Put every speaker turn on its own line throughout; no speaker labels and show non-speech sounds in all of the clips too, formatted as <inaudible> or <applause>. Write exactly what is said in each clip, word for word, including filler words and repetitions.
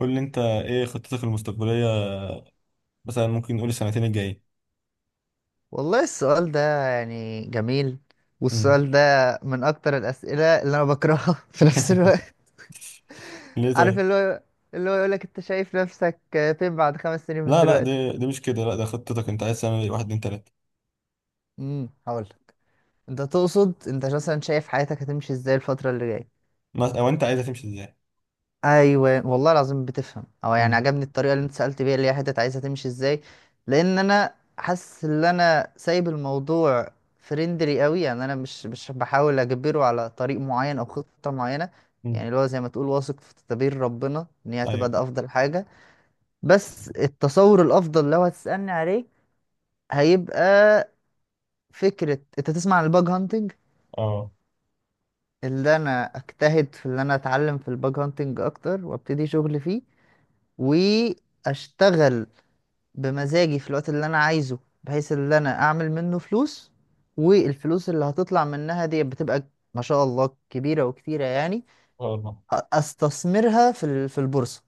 قول لي انت ايه خطتك المستقبلية؟ مثلا ممكن نقول السنتين الجايين.
والله السؤال ده يعني جميل،
امم
والسؤال ده من اكتر الاسئله اللي انا بكرهها <laughs> في نفس الوقت.
ليه
عارف،
طيب؟
اللي هو اللي هو يقولك انت شايف نفسك فين بعد خمس سنين من
لا لا،
دلوقتي.
دي دي مش كده، لا ده خطتك انت عايز تعمل ايه؟ واحد، اتنين، تلاتة.
امم هقول، انت تقصد انت مثلا شايف حياتك هتمشي ازاي الفتره اللي جايه؟
ما- او انت عايزها تمشي ازاي؟
ايوه والله العظيم بتفهم، او يعني
امم
عجبني الطريقه اللي انت سالت بيها اللي هي حته عايزها تمشي ازاي. لان انا حاسس ان انا سايب الموضوع فريندلي قوي، يعني انا مش مش بحاول اجبره على طريق معين او خطه معينه.
امم
يعني اللي هو زي ما تقول، واثق في تدبير ربنا، ان هي هتبقى
ايوه.
ده افضل حاجه. بس التصور الافضل لو هتسالني عليه هيبقى فكره، انت تسمع عن الباج هانتنج؟
اه.
اللي انا اجتهد في ان انا اتعلم في الباج هانتنج اكتر، وابتدي شغل فيه، و اشتغل بمزاجي في الوقت اللي انا عايزه، بحيث ان انا اعمل منه فلوس. والفلوس اللي هتطلع منها دي بتبقى ما شاء الله كبيرة وكتيرة يعني.
اه طبعا.
أ- استثمرها في ال- في البورصة،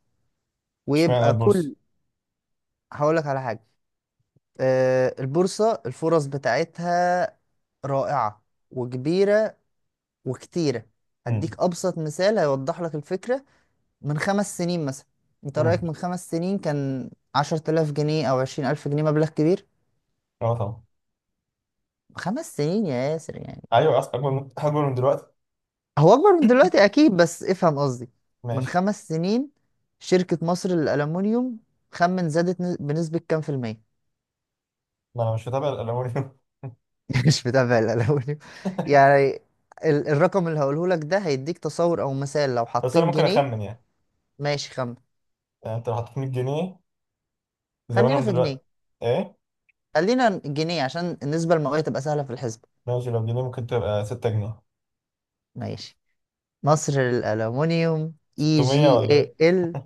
اشمعنى
ويبقى
البورصة؟
كل... هقولك على حاجة. آه، البورصة الفرص بتاعتها رائعة وكبيرة وكتيرة.
امم
هديك أبسط مثال هيوضح لك الفكرة. من خمس سنين مثلا، أنت
امم
رأيك من خمس سنين كان عشرة آلاف جنيه أو عشرين ألف جنيه مبلغ كبير؟
اه طبعا.
خمس سنين يا ياسر يعني.
ايوه، أص- اكبر من اكبر من دلوقتي.
هو اكبر من دلوقتي اكيد، بس افهم قصدي. من
ماشي.
خمس سنين، شركة مصر للألمنيوم، خمن زادت ن- بنسبة كام في المية؟
ما انا مش متابع الالومنيوم.
<laughs> مش متابع الألمنيوم يعني. ال- الرقم اللي هقوله لك ده هيديك تصور او مثال، لو
<laughs> بس
حطيت
انا ممكن
جنيه.
اخمن يعني.
ماشي. خمن.
يعني انت لو حطيت مية جنيه
خلينا
زمانهم
في جنيه،
دلوقتي ايه؟
خلينا جنيه عشان النسبة المئوية تبقى سهلة في الحسبة.
ماشي، لو جنيه ممكن تبقى ستة جنيه؟
ماشي. مصر للألمنيوم، اي
ستمية
جي
ولا
اي
ايه؟
ال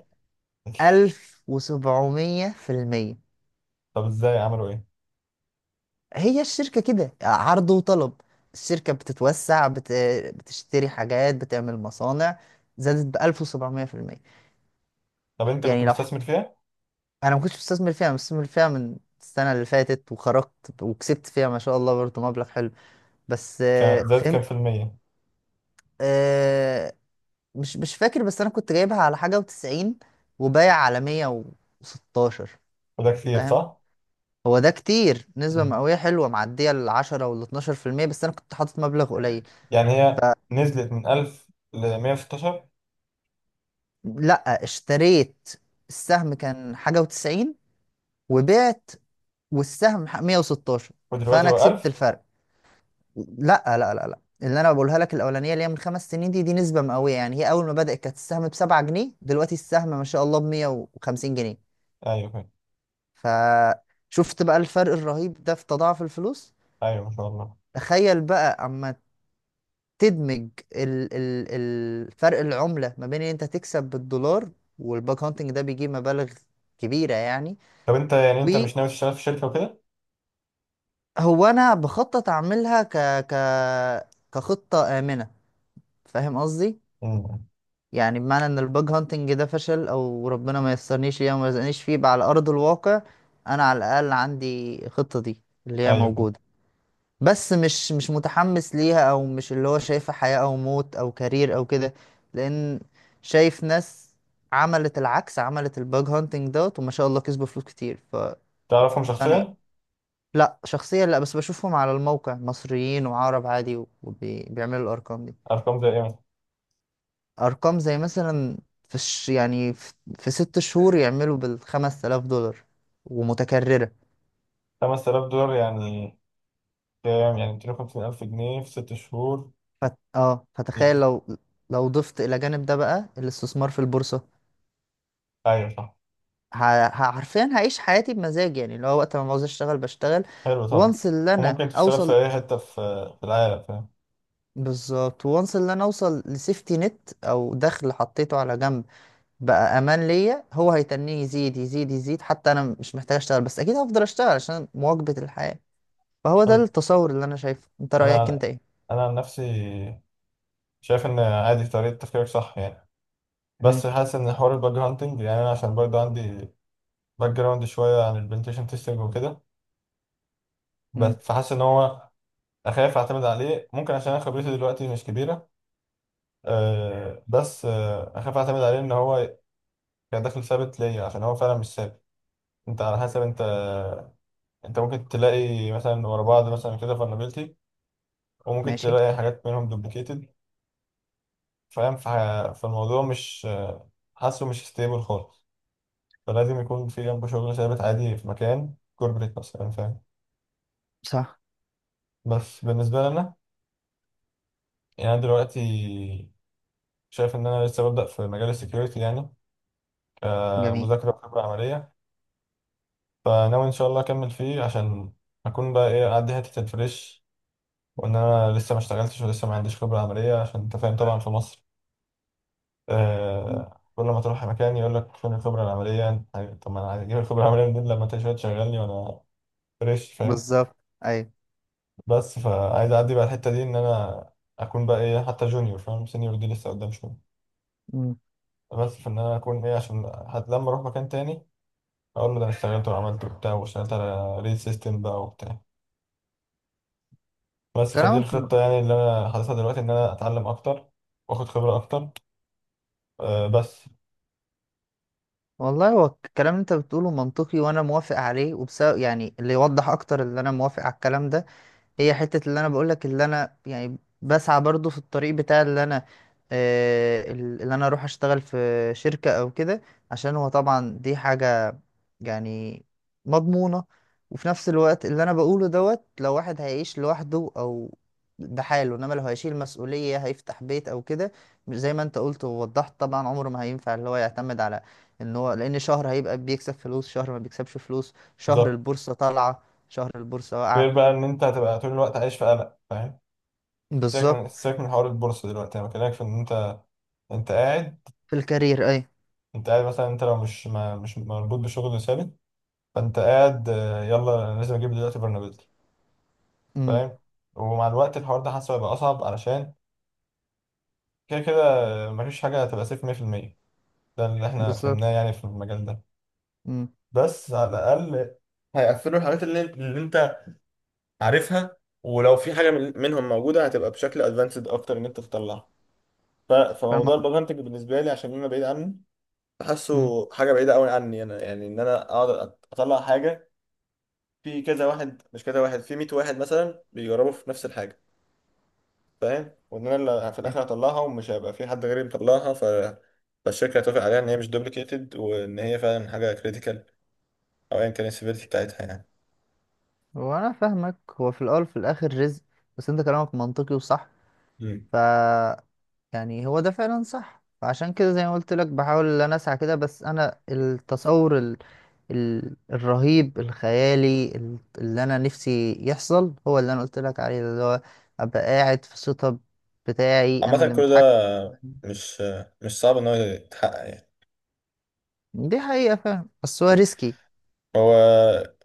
الف وسبعميه في الميه.
طب ازاي، عملوا ايه؟
هي الشركة كده عرض وطلب، الشركة بتتوسع، بت... بتشتري حاجات، بتعمل مصانع، زادت ب الف وسبعميه في الميه.
طب انت كنت
يعني لو ح-
مستثمر فيها؟
أنا ما كنتش مستثمر فيها، أنا مستثمر فيها من السنة اللي فاتت وخرجت وكسبت فيها ما شاء الله برضه مبلغ حلو. بس
كان
آه،
زادت
فهمت.
كام في المية؟
آه، مش مش فاكر، بس أنا كنت جايبها على حاجة وتسعين وبايع على مية وستاشر.
وده كتير
فاهم.
صح؟
هو ده كتير، نسبة
مم.
مئوية حلوة معدية العشرة والاتناشر في المية، بس أنا كنت حاطط مبلغ قليل.
يعني هي نزلت من ألف ل مية وستاشر
لا، اشتريت. السهم كان حاجة وتسعين وبعت والسهم ح- ميه وستاشر.
ودلوقتي
فأنا
هو
كسبت
ألف؟
الفرق. لا لا لا لا، اللي أنا بقولها لك الأولانية اللي هي من خمس سنين دي دي نسبة مئوية. يعني هي أول ما بدأت كانت السهم بسبعة جنيه، دلوقتي السهم ما شاء الله بمية وخمسين جنيه.
ايوه فاهم.
فشفت بقى الفرق الرهيب ده في تضاعف الفلوس.
ايوه ما شاء الله.
تخيل بقى أما تدمج ال ال الفرق العملة ما بين إن أنت تكسب بالدولار، والباك هانتنج ده بيجيب مبالغ كبيرة يعني.
طب انت يعني انت مش ناوي تشتغل في شركة وكده؟
هو انا بخطط اعملها ك ك كخطه امنه. فاهم قصدي؟
مم.
يعني بمعنى ان الباج هانتنج ده فشل او ربنا ما يسرنيش ليه وما يرزقنيش فيه بقى على ارض الواقع، انا على الاقل عندي الخطه دي اللي هي
ايوه فاهم.
موجوده. بس مش مش متحمس ليها، او مش اللي هو شايفها حياه او موت او كارير او كده. لان شايف ناس عملت العكس، عملت الباج هانتنج دوت، وما شاء الله كسبوا فلوس كتير. ف...
تعرفهم
انا،
شخصيا؟
لا شخصيا لا، بس بشوفهم على الموقع مصريين وعرب عادي، وبيعملوا الارقام دي.
ارقام زي ايه مثلا؟
ارقام زي مثلا في الش... يعني في... في ست شهور يعملوا بالخمس آلاف دولار ومتكررة.
خمس تلاف دولار يعني؟ كام يعني، ميتين وخمسين ألف جنيه في ست شهور؟
فت... اه فتخيل لو لو ضفت الى جانب ده بقى الاستثمار في البورصة.
ايوه صح.
ه... ه- حرفيا هعيش حياتي بمزاج، يعني اللي هو وقت ما عاوز اشتغل بشتغل،
حلو طبعا.
وانس اللي انا
وممكن تشتغل في
اوصل.
اي حتة في في العالم، فاهم.
بالظبط، وانس اللي انا اوصل لسيفتي نت او دخل حطيته على جنب، بقى امان ليا، هو هيتنيه يزيد يزيد يزيد، حتى انا مش محتاج اشتغل، بس اكيد هفضل اشتغل عشان مواكبة الحياة. فهو ده
انا
التصور اللي انا شايفه، انت رأيك انت
انا
ايه؟
أنا عن نفسي شايف ان عادي، طريقة تفكيرك صح يعني.
امم.
بس حاسس ان حوار الباج هانتنج، يعني انا عشان برضه عندي باك جراوند شويه عن البنتيشن تيستنج وكده، بس
امم.
فحاسس ان هو اخاف اعتمد عليه، ممكن عشان انا خبرتي دلوقتي مش كبيره. أه بس، آه، اخاف اعتمد عليه ان هو كدخل ثابت ليا عشان هو فعلا مش ثابت. انت على حسب انت، انت ممكن تلاقي مثلا ورا بعض مثلا كده فولنربيلتي، وممكن
ماشي.
تلاقي حاجات منهم دوبليكيتد، فاهم. فح- فالموضوع مش، آه، حاسه مش ستيبل خالص. فلازم يكون في جنبه شغل ثابت عادي في مكان كوربريت مثلا، فاهم.
صح.
بس بالنسبة لي أنا، يعني أنا دلوقتي شايف إن أنا لسه ببدأ في مجال السكيورتي، يعني
جميل.
كمذاكرة وخبرة عملية. فناوي إن شاء الله أكمل فيه، عشان أكون بقى إيه، أعدي حتة الفريش، وإن أنا لسه ما اشتغلتش ولسه ما عنديش خبرة عملية. عشان أنت فاهم طبعا في مصر،
مم.
آه، كل ما تروح مكان يقول لك فين الخبرة العملية. أنت- طب ما أنا عايز أجيب الخبرة العملية منين لما أنت شوية تشغلني وأنا فريش، فاهم.
بالظبط. ايوه.
بس فعايز أعدي بقى الحتة دي، إن أنا أكون بقى إيه حتى جونيور، فاهم، سينيور دي لسه قدام شوية.
مم.
بس في ان انا اكون ايه، عشان حتى لما اروح مكان تاني اقول له ده انا اشتغلت وعملت وبتاع، واشتغلت على ريل سيستم بقى وبتاع. بس فدي
كلامك م-
الخطة يعني اللي انا حاططها دلوقتي، ان انا اتعلم اكتر واخد خبرة اكتر. أه بس.
والله هو الكلام اللي انت بتقوله منطقي، وانا موافق عليه، وبسبب يعني اللي يوضح اكتر اللي انا موافق على الكلام ده، هي حتة اللي انا بقولك اللي انا يعني بسعى برضو في الطريق بتاع اللي انا، آه، اللي انا اروح اشتغل في شركة او كده، عشان هو طبعا دي حاجة يعني مضمونة. وفي نفس الوقت اللي انا بقوله دوت، لو واحد هيعيش لوحده او بحاله، انما لو هيشيل مسؤولية، هيفتح بيت او كده، مش زي ما انت قلت ووضحت، طبعا عمره ما هينفع اللي هو يعتمد على ان هو، لان شهر هيبقى بيكسب فلوس، شهر ما بيكسبش فلوس، شهر
بالظبط.
البورصة طالعة، شهر البورصة واقعة.
غير بقى ان انت هتبقى طول الوقت عايش في قلق، فاهم. سيبك من
بالظبط.
سيبك من حوار البورصة دلوقتي، انا بكلمك في ان انت، انت قاعد،
في الكارير اي.
انت قاعد مثلا، انت لو مش ما مش مربوط بشغل ثابت، فانت قاعد، آه، يلا انا لازم اجيب دلوقتي برنابيز،
امم.
فاهم. ومع الوقت الحوار ده حاسه هيبقى اصعب، علشان كده كده مفيش حاجة هتبقى سيف مية في المية. ده اللي احنا
بالظبط.
فهمناه يعني في المجال ده.
امم.
بس على الأقل هيقفلوا الحاجات اللي, اللي انت عارفها. ولو في حاجة من منهم موجودة هتبقى بشكل ادفانسد أكتر إن أنت تطلعها. ف- فموضوع
فالموضوع.
البرمنتج بالنسبة لي عشان أنا بعيد عنه،
امم.
بحسه حاجة بعيدة أوي عني أنا، يعني إن أنا أقعد أطلع حاجة في كذا واحد، مش كذا واحد، في مية واحد مثلا بيجربوا في نفس الحاجة، فاهم، وان انا اللي في الاخر هطلعها ومش هيبقى في حد غيري مطلعها، ف فالشركه هتوافق عليها ان هي مش دوبليكيتد وان هي فعلا حاجه كريتيكال، او ايا كان السيفيريتي بتاعتها يعني.
هو انا فاهمك، هو في الاول وفي الاخر رزق، بس انت كلامك منطقي وصح.
مم.
ف... يعني هو ده فعلا صح، فعشان كده زي ما قلت لك بحاول ان انا اسعى كده، بس انا التصور ال... ال... الرهيب الخيالي ال- اللي انا نفسي يحصل هو اللي انا قلت لك عليه، اللي هو ابقى قاعد في السيت اب بتاعي، انا
عامه
اللي
كل ده
متحكم.
مش مش صعب ان هو يتحقق يعني.
دي حقيقة فعلا، بس هو ريسكي.
هو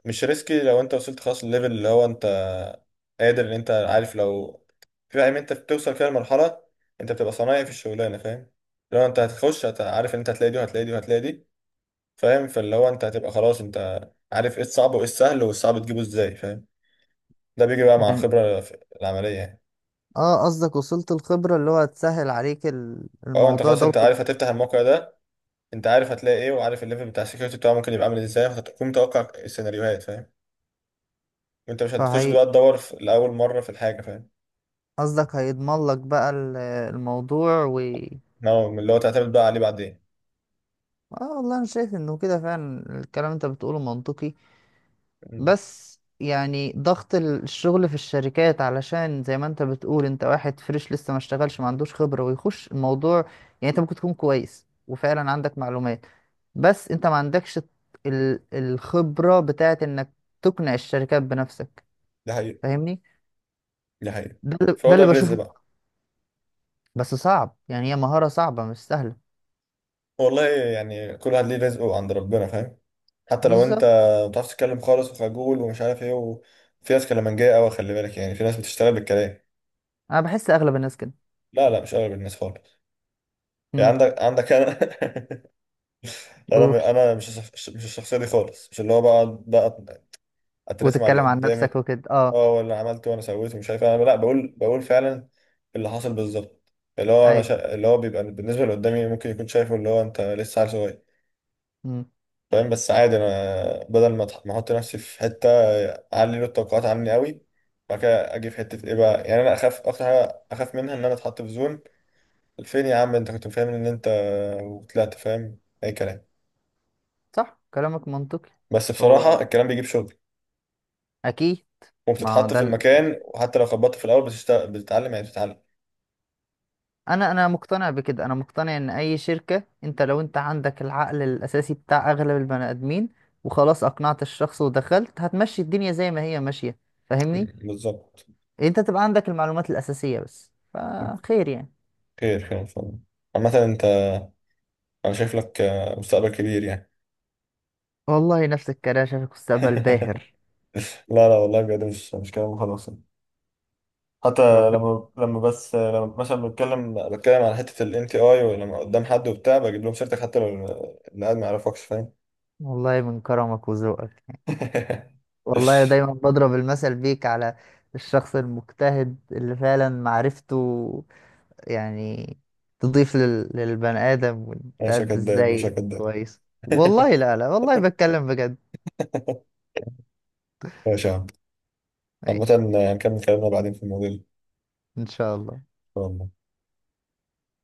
مش ريسكي لو انت وصلت خلاص الليفل اللي هو انت قادر، ان انت عارف لو في، فاهم، انت بتوصل فيها لمرحله انت بتبقى صنايعي في الشغلانه، فاهم. لو انت هتخش هت- عارف ان انت هتلاقي دي وهتلاقي دي وهتلاقي دي، فاهم، فاللي هو انت هتبقى خلاص انت عارف ايه الصعب وايه السهل، والصعب تجيبه ازاي، فاهم. ده بيجي بقى مع
يعني.
الخبرة في- العملية يعني.
اه، قصدك وصلت الخبرة اللي هو هتسهل عليك ال-
اه انت
الموضوع
خلاص
ده
انت
وت-
عارف هتفتح الموقع ده، انت عارف هتلاقي ايه، وعارف الليفل بتاع السكيورتي بتاعه ممكن يبقى عامل إيه ازاي، فهتكون متوقع السيناريوهات، فاهم، وانت مش هتخش
فهي،
بقى تدور في الأول مرة في الحاجة، فاهم،
قصدك هيضمن لك بقى ال- الموضوع و...
نعم، من اللي هو تعتمد بقى عليه بعدين.
اه والله، انا شايف انه كده فعلا الكلام اللي انت بتقوله منطقي.
مم.
بس يعني ضغط ال- الشغل في الشركات، علشان زي ما انت بتقول، انت واحد فريش لسه ما اشتغلش، ما عندوش خبرة، ويخش الموضوع. يعني انت ممكن تكون كويس وفعلا عندك معلومات، بس انت ما عندكش ال- الخبرة بتاعت انك تقنع الشركات بنفسك.
ده حقيقي.
فاهمني؟
ده حقيقي.
ده اللي-
فهو
ده
ده
اللي
الرزق
بشوفه.
بقى.
بس صعب يعني، هي مهارة صعبة مش سهلة.
والله يعني كل واحد ليه رزقه عند ربنا، فاهم. حتى لو انت
بالظبط.
ما بتعرفش تتكلم خالص وخجول ومش عارف ايه، وفي ناس كلامنجية قوي خلي بالك، يعني في ناس بتشتغل بالكلام.
انا بحس اغلب الناس كده.
لا لا، مش اغلب الناس خالص. يعني
امم.
عندك عندك انا، <laughs> انا م-
قول.
انا مش الشخص- مش الشخصيه دي خالص، مش اللي هو بقى بقى اترسم على
وتتكلم
اللي
عن
قدامي.
نفسك وكده، اه.
اه، ولا عملت وانا سويت ومش عارف إيه، انا لا، بقول بقول فعلا اللي حاصل بالظبط. اللي هو انا
اي.
شا... اللي هو بيبقى بالنسبه اللي قدامي ممكن يكون شايفه اللي هو انت لسه عيل صغير،
امم.
فاهم. بس عادي انا بدل ما أتح- ما احط نفسي في حته، اعلي له التوقعات عني قوي، بعد كده اجي في حته ايه بقى. يعني انا اخاف اكتر حاجه اخاف منها، ان انا اتحط في زون فين يا عم، انت كنت فاهم ان انت، وطلعت فاهم اي كلام.
صح كلامك منطقي.
بس بصراحه
هو
الكلام بيجيب شغل،
اكيد. ما هو
وبتتحط
ده
في
ال...
المكان، وحتى لو خبطت في الاول بتشتغل بتتعلم يعني، بتتعلم.
انا انا مقتنع بكده، انا مقتنع ان اي شركة انت لو انت عندك العقل الاساسي بتاع اغلب البني ادمين، وخلاص اقنعت الشخص ودخلت، هتمشي الدنيا زي ما هي ماشية. فاهمني؟
مم. بالظبط.
انت تبقى عندك المعلومات الاساسية بس، فخير يعني.
خير خير ان شاء الله. عامه انت، انا شايف لك، آه، مستقبل كبير يعني.
والله نفس الكلام، شايفك مستقبل
<laughs>
باهر.
لا لا، والله بجد مش مش كلام خلاص. حتى
ربنا.
لما، لما بس لما مثلا بتكلم بتكلم على حتة ال إن تي آي، ولما قدام حد وبتاع بجيب لهم سيرتك حتى لو اللي قاعد ما يعرفكش، فاهم.
والله من كرمك وذوقك يعني.
<laughs>
والله دايما بضرب المثل بيك على الشخص المجتهد اللي فعلا معرفته يعني تضيف لل... للبني آدم،
مش
وتأدي
هكداب، مش
ازاي
هكداب.
كويس.
<laughs>
والله لا لا والله بتكلم بجد.
ماشي يا عم. عامة،
ماشي
هنكمل كلامنا بعدين في الموضوع
ان شاء الله.
ده.